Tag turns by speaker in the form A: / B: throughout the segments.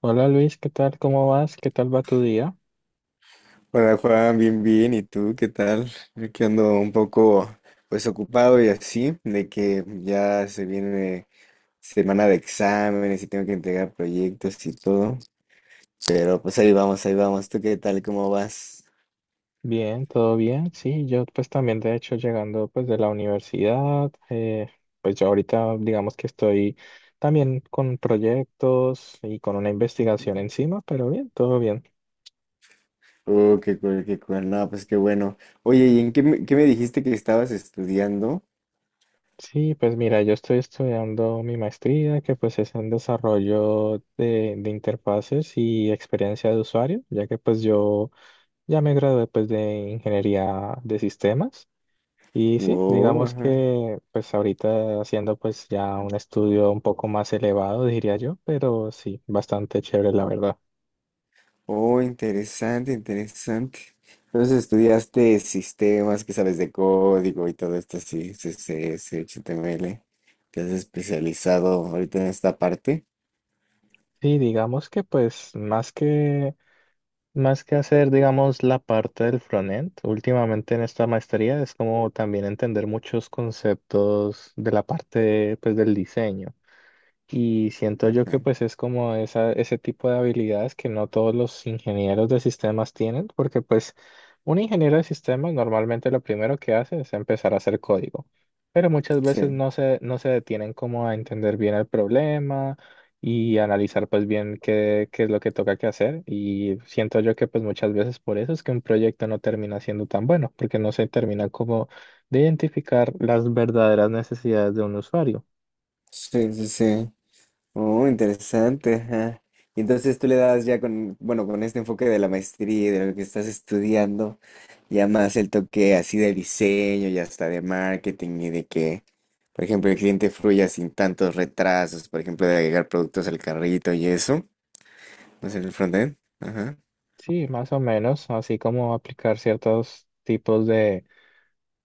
A: Hola Luis, ¿qué tal? ¿Cómo vas? ¿Qué tal va tu día?
B: Hola Juan, bien, bien. ¿Y tú qué tal? Yo que ando un poco pues ocupado y así, de que ya se viene semana de exámenes y tengo que entregar proyectos y todo. Pero pues ahí vamos, ahí vamos. ¿Tú qué tal? ¿Cómo vas?
A: Bien, todo bien. Sí, yo pues también de hecho llegando pues de la universidad, pues yo ahorita digamos que estoy también con proyectos y con una investigación
B: Ujú.
A: encima, pero bien, todo bien.
B: Oh, qué cool, qué cool. No, pues qué bueno. Oye, ¿qué me dijiste que estabas estudiando?
A: Sí, pues mira, yo estoy estudiando mi maestría que pues es en desarrollo de interfaces y experiencia de usuario, ya que pues yo ya me gradué pues de ingeniería de sistemas. Y sí, digamos
B: Wow,
A: que pues ahorita haciendo pues ya un estudio un poco más elevado, diría yo, pero sí, bastante chévere la verdad.
B: oh, interesante, interesante. Entonces estudiaste sistemas que sabes de código y todo esto, sí, CSS, HTML. Te has especializado ahorita en esta parte.
A: Sí, digamos que pues más que hacer digamos la parte del frontend, últimamente en esta maestría es como también entender muchos conceptos de la parte pues del diseño. Y siento yo que
B: Ajá.
A: pues es como esa, ese tipo de habilidades que no todos los ingenieros de sistemas tienen, porque pues un ingeniero de sistemas normalmente lo primero que hace es empezar a hacer código, pero muchas
B: Sí,
A: veces no se detienen como a entender bien el problema y analizar pues bien qué es lo que toca que hacer. Y siento yo que pues muchas veces por eso es que un proyecto no termina siendo tan bueno, porque no se termina como de identificar las verdaderas necesidades de un usuario.
B: sí, sí, sí. Oh, interesante, ajá. Y entonces tú le das ya con, bueno, con este enfoque de la maestría y de lo que estás estudiando, ya más el toque así de diseño y hasta de marketing y de que, por ejemplo, el cliente fluya sin tantos retrasos, por ejemplo, de agregar productos al carrito y eso, no sé, el frontend. Ajá.
A: Sí, más o menos, así como aplicar ciertos tipos de,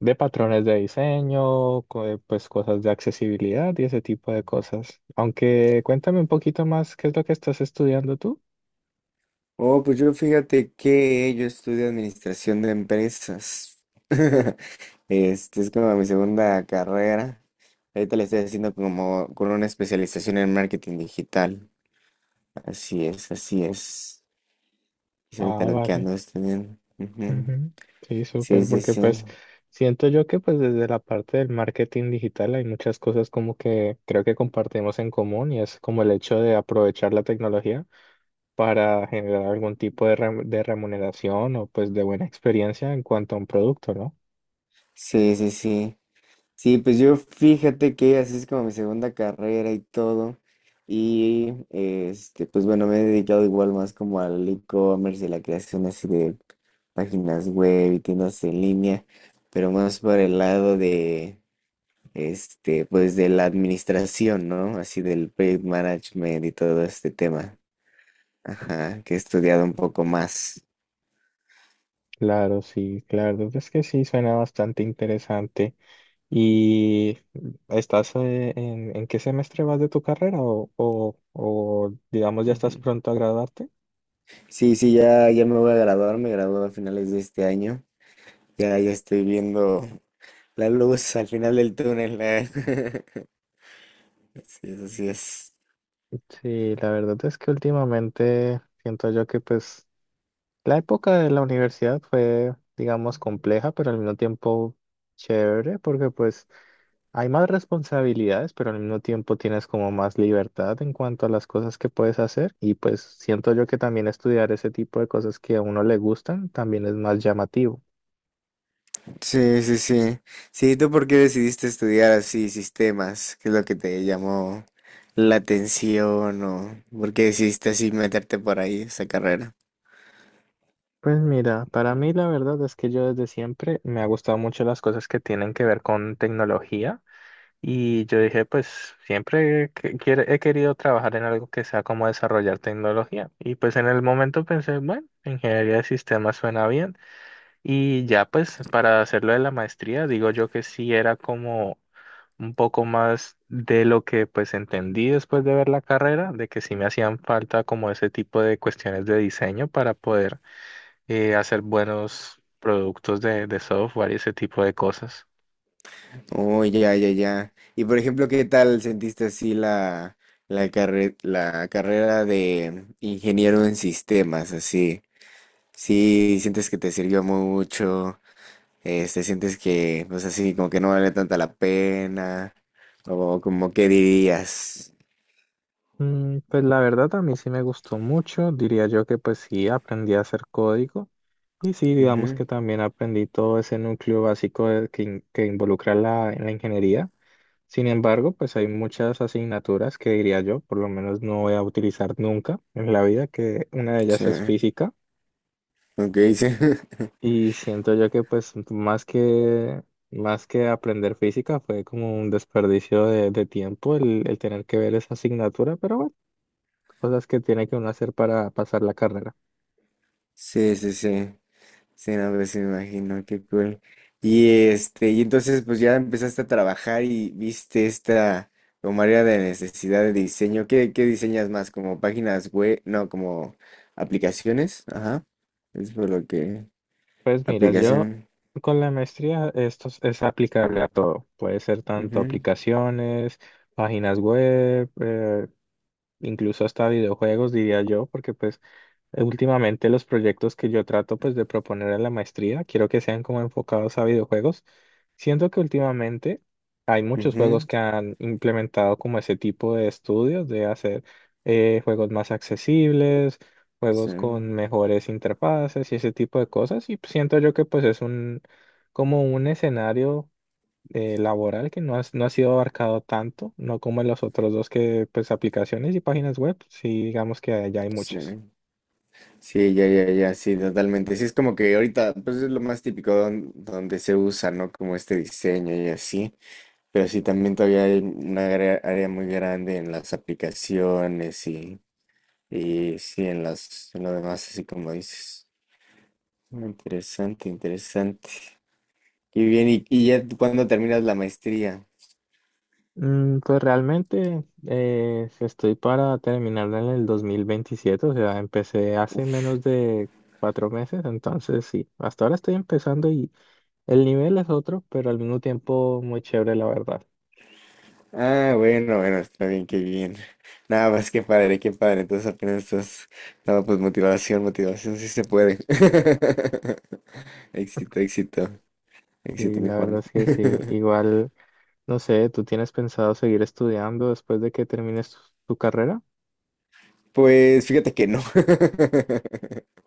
A: de patrones de diseño, pues cosas de accesibilidad y ese tipo de cosas. Aunque cuéntame un poquito más qué es lo que estás estudiando tú.
B: Oh, pues yo fíjate que yo estudio administración de empresas. Este es como mi segunda carrera. Ahorita le estoy haciendo como con una especialización en marketing digital. Así es, así es. Es ahorita
A: Ah,
B: lo que
A: vale.
B: ando estudiando. Ujú.
A: Ujú. Sí,
B: Sí,
A: súper,
B: sí,
A: porque
B: sí.
A: pues siento yo que pues desde la parte del marketing digital hay muchas cosas como que creo que compartimos en común y es como el hecho de aprovechar la tecnología para generar algún tipo de remuneración o pues de buena experiencia en cuanto a un producto, ¿no?
B: Sí, sí, sí. Sí, pues yo fíjate que así es como mi segunda carrera y todo. Y este, pues bueno, me he dedicado igual más como al e-commerce y la creación así de páginas web y tiendas en línea, pero más por el lado de este, pues de la administración, ¿no? Así del project management y todo este tema. Ajá, que he estudiado un poco más.
A: Claro, sí, claro, es que sí, suena bastante interesante. ¿Y estás en qué semestre vas de tu carrera o digamos ya estás
B: Ujú.
A: pronto a graduarte?
B: Sí, sí, ya, ya me voy a graduar, me gradúo a finales de este año. Ya, ya estoy viendo la luz al final del túnel. Sí, así es.
A: Sí, la verdad es que últimamente siento yo que pues la época de la universidad fue, digamos, compleja, pero al mismo tiempo chévere, porque pues hay más responsabilidades, pero al mismo tiempo tienes como más libertad en cuanto a las cosas que puedes hacer y pues siento yo que también estudiar ese tipo de cosas que a uno le gustan también es más llamativo.
B: Sí, sí, sí. Sí, ¿tú por qué decidiste estudiar así sistemas? ¿Qué es lo que te llamó la atención o por qué decidiste así meterte por ahí esa carrera?
A: Pues mira, para mí la verdad es que yo desde siempre me ha gustado mucho las cosas que tienen que ver con tecnología y yo dije pues siempre he querido trabajar en algo que sea como desarrollar tecnología y pues en el momento pensé, bueno, ingeniería de sistemas suena bien. Y ya pues para hacerlo de la maestría, digo yo que sí era como un poco más de lo que pues entendí después de ver la carrera, de que sí me hacían falta como ese tipo de cuestiones de diseño para poder hacer buenos productos de software y ese tipo de cosas.
B: Oh, ya, ya, ya. Y por ejemplo, ¿qué tal sentiste así la carrera de ingeniero en sistemas? Así, sí, sientes que te sirvió mucho, este, sientes que, pues así, como que no vale tanta la pena, o como que dirías.
A: Pues la verdad a mí sí me gustó mucho, diría yo que pues sí aprendí a hacer código y sí digamos
B: Ujú,
A: que también aprendí todo ese núcleo básico que involucra la ingeniería. Sin embargo, pues hay muchas asignaturas que diría yo, por lo menos no voy a utilizar nunca en la vida, que una de
B: sí,
A: ellas es física
B: ok, sí.
A: y siento yo que pues más que aprender física fue como un desperdicio de tiempo el tener que ver esa asignatura, pero bueno, cosas que tiene que uno hacer para pasar la carrera.
B: Sí, sí, sí. Sí, no, pues me imagino, qué cool. Y este, y entonces pues ya empezaste a trabajar y viste esta como área de necesidad de diseño. ¿Qué diseñas más? ¿Como páginas web? No, como aplicaciones. Ajá. Es por lo que
A: Pues mira, yo
B: aplicación.
A: con la maestría esto es aplicable a todo, puede ser tanto
B: Ujú,
A: aplicaciones, páginas web, incluso hasta videojuegos, diría yo, porque pues últimamente los proyectos que yo trato pues de proponer en la maestría, quiero que sean como enfocados a videojuegos. Siento que últimamente hay muchos juegos
B: ujú,
A: que han implementado como ese tipo de estudios de hacer juegos más accesibles,
B: sí,
A: juegos con mejores interfaces y ese tipo de cosas. Y siento yo que pues es un como un escenario laboral que no ha sido abarcado tanto, no como en los otros dos que, pues, aplicaciones y páginas web, sí, digamos que allá hay muchas.
B: sí. Sí, ya, ya, ya, sí, totalmente. Sí, es como que ahorita, pues es lo más típico donde se usa, ¿no? Como este diseño y así. Pero sí, también todavía hay una área, área muy grande en las aplicaciones y sí, en las, en lo demás, así como dices. Mm, interesante, interesante. Y bien, ¿y ya tú cuándo terminas la maestría?
A: Pues realmente estoy para terminarla en el 2027, o sea, empecé hace
B: Uf.
A: menos de 4 meses, entonces sí, hasta ahora estoy empezando y el nivel es otro, pero al mismo tiempo muy chévere, la verdad.
B: Ah, bueno, bueno, está bien, qué bien. Nada más, qué padre, qué padre. Entonces apenas estás... No, pues motivación, motivación, sí se puede. Éxito, éxito,
A: Y
B: éxito, mi
A: la verdad
B: Juan.
A: es que sí, igual, no sé, ¿tú tienes pensado seguir estudiando después de que termines tu carrera?
B: Pues fíjate que no.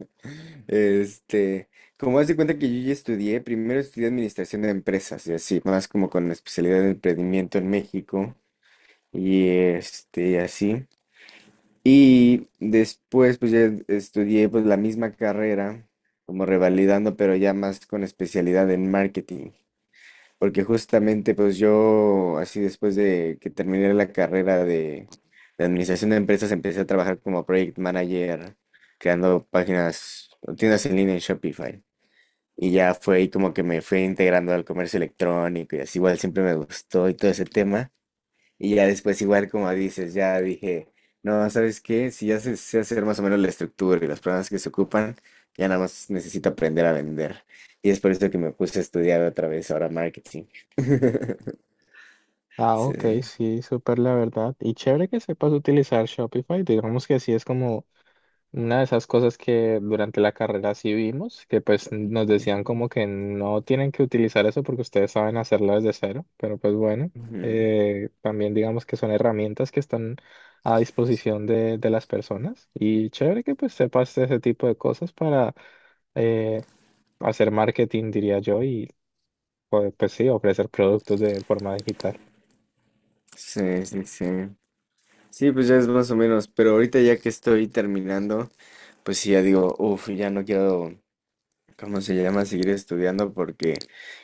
B: Este, como haz de cuenta que yo ya estudié, primero estudié administración de empresas y así, más como con la especialidad de emprendimiento en México y este, así. Y después pues ya estudié pues la misma carrera, como revalidando, pero ya más con especialidad en marketing, porque justamente pues yo así después de que terminé la carrera de administración de empresas empecé a trabajar como project manager, creando páginas, tiendas en línea en Shopify. Y ya fue ahí como que me fui integrando al comercio electrónico y así igual siempre me gustó y todo ese tema. Y ya después igual como dices, ya dije, no, ¿sabes qué? Si ya sé, sé hacer más o menos la estructura y los programas que se ocupan, ya nada más necesito aprender a vender. Y es por eso que me puse a estudiar otra vez ahora marketing.
A: Ah,
B: Sí,
A: ok,
B: sí.
A: sí, súper la verdad. Y chévere que sepas utilizar Shopify. Digamos que sí es como una de esas cosas que durante la carrera sí vimos, que pues nos decían como que no tienen que utilizar eso porque ustedes saben hacerlo desde cero, pero pues bueno,
B: Ujú.
A: también digamos que son herramientas que están a disposición de las personas. Y chévere que pues sepas ese tipo de cosas para eh, hacer marketing, diría yo, y sí, ofrecer productos de forma digital.
B: Sí, sí, sí. Sí, pues ya es más o menos, pero ahorita ya que estoy terminando, pues sí, ya digo, uff, ya no quiero. ¿Cómo se llama? Seguir estudiando porque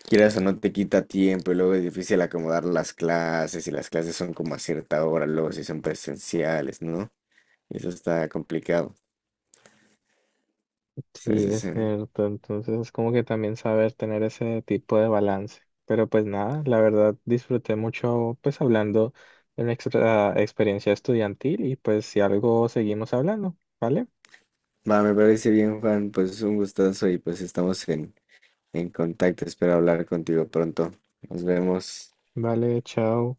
B: quieras o no te quita tiempo y luego es difícil acomodar las clases y las clases son como a cierta hora, luego si son presenciales, ¿no? Y eso está complicado. Sí,
A: Sí,
B: sí,
A: es
B: sí.
A: cierto. Entonces es como que también saber tener ese tipo de balance. Pero pues nada, la verdad disfruté mucho pues hablando de nuestra experiencia estudiantil y pues si algo seguimos hablando, ¿vale?
B: Va, me parece bien, Juan, pues un gustazo y pues estamos en contacto. Espero hablar contigo pronto. Nos vemos.
A: Vale, chao.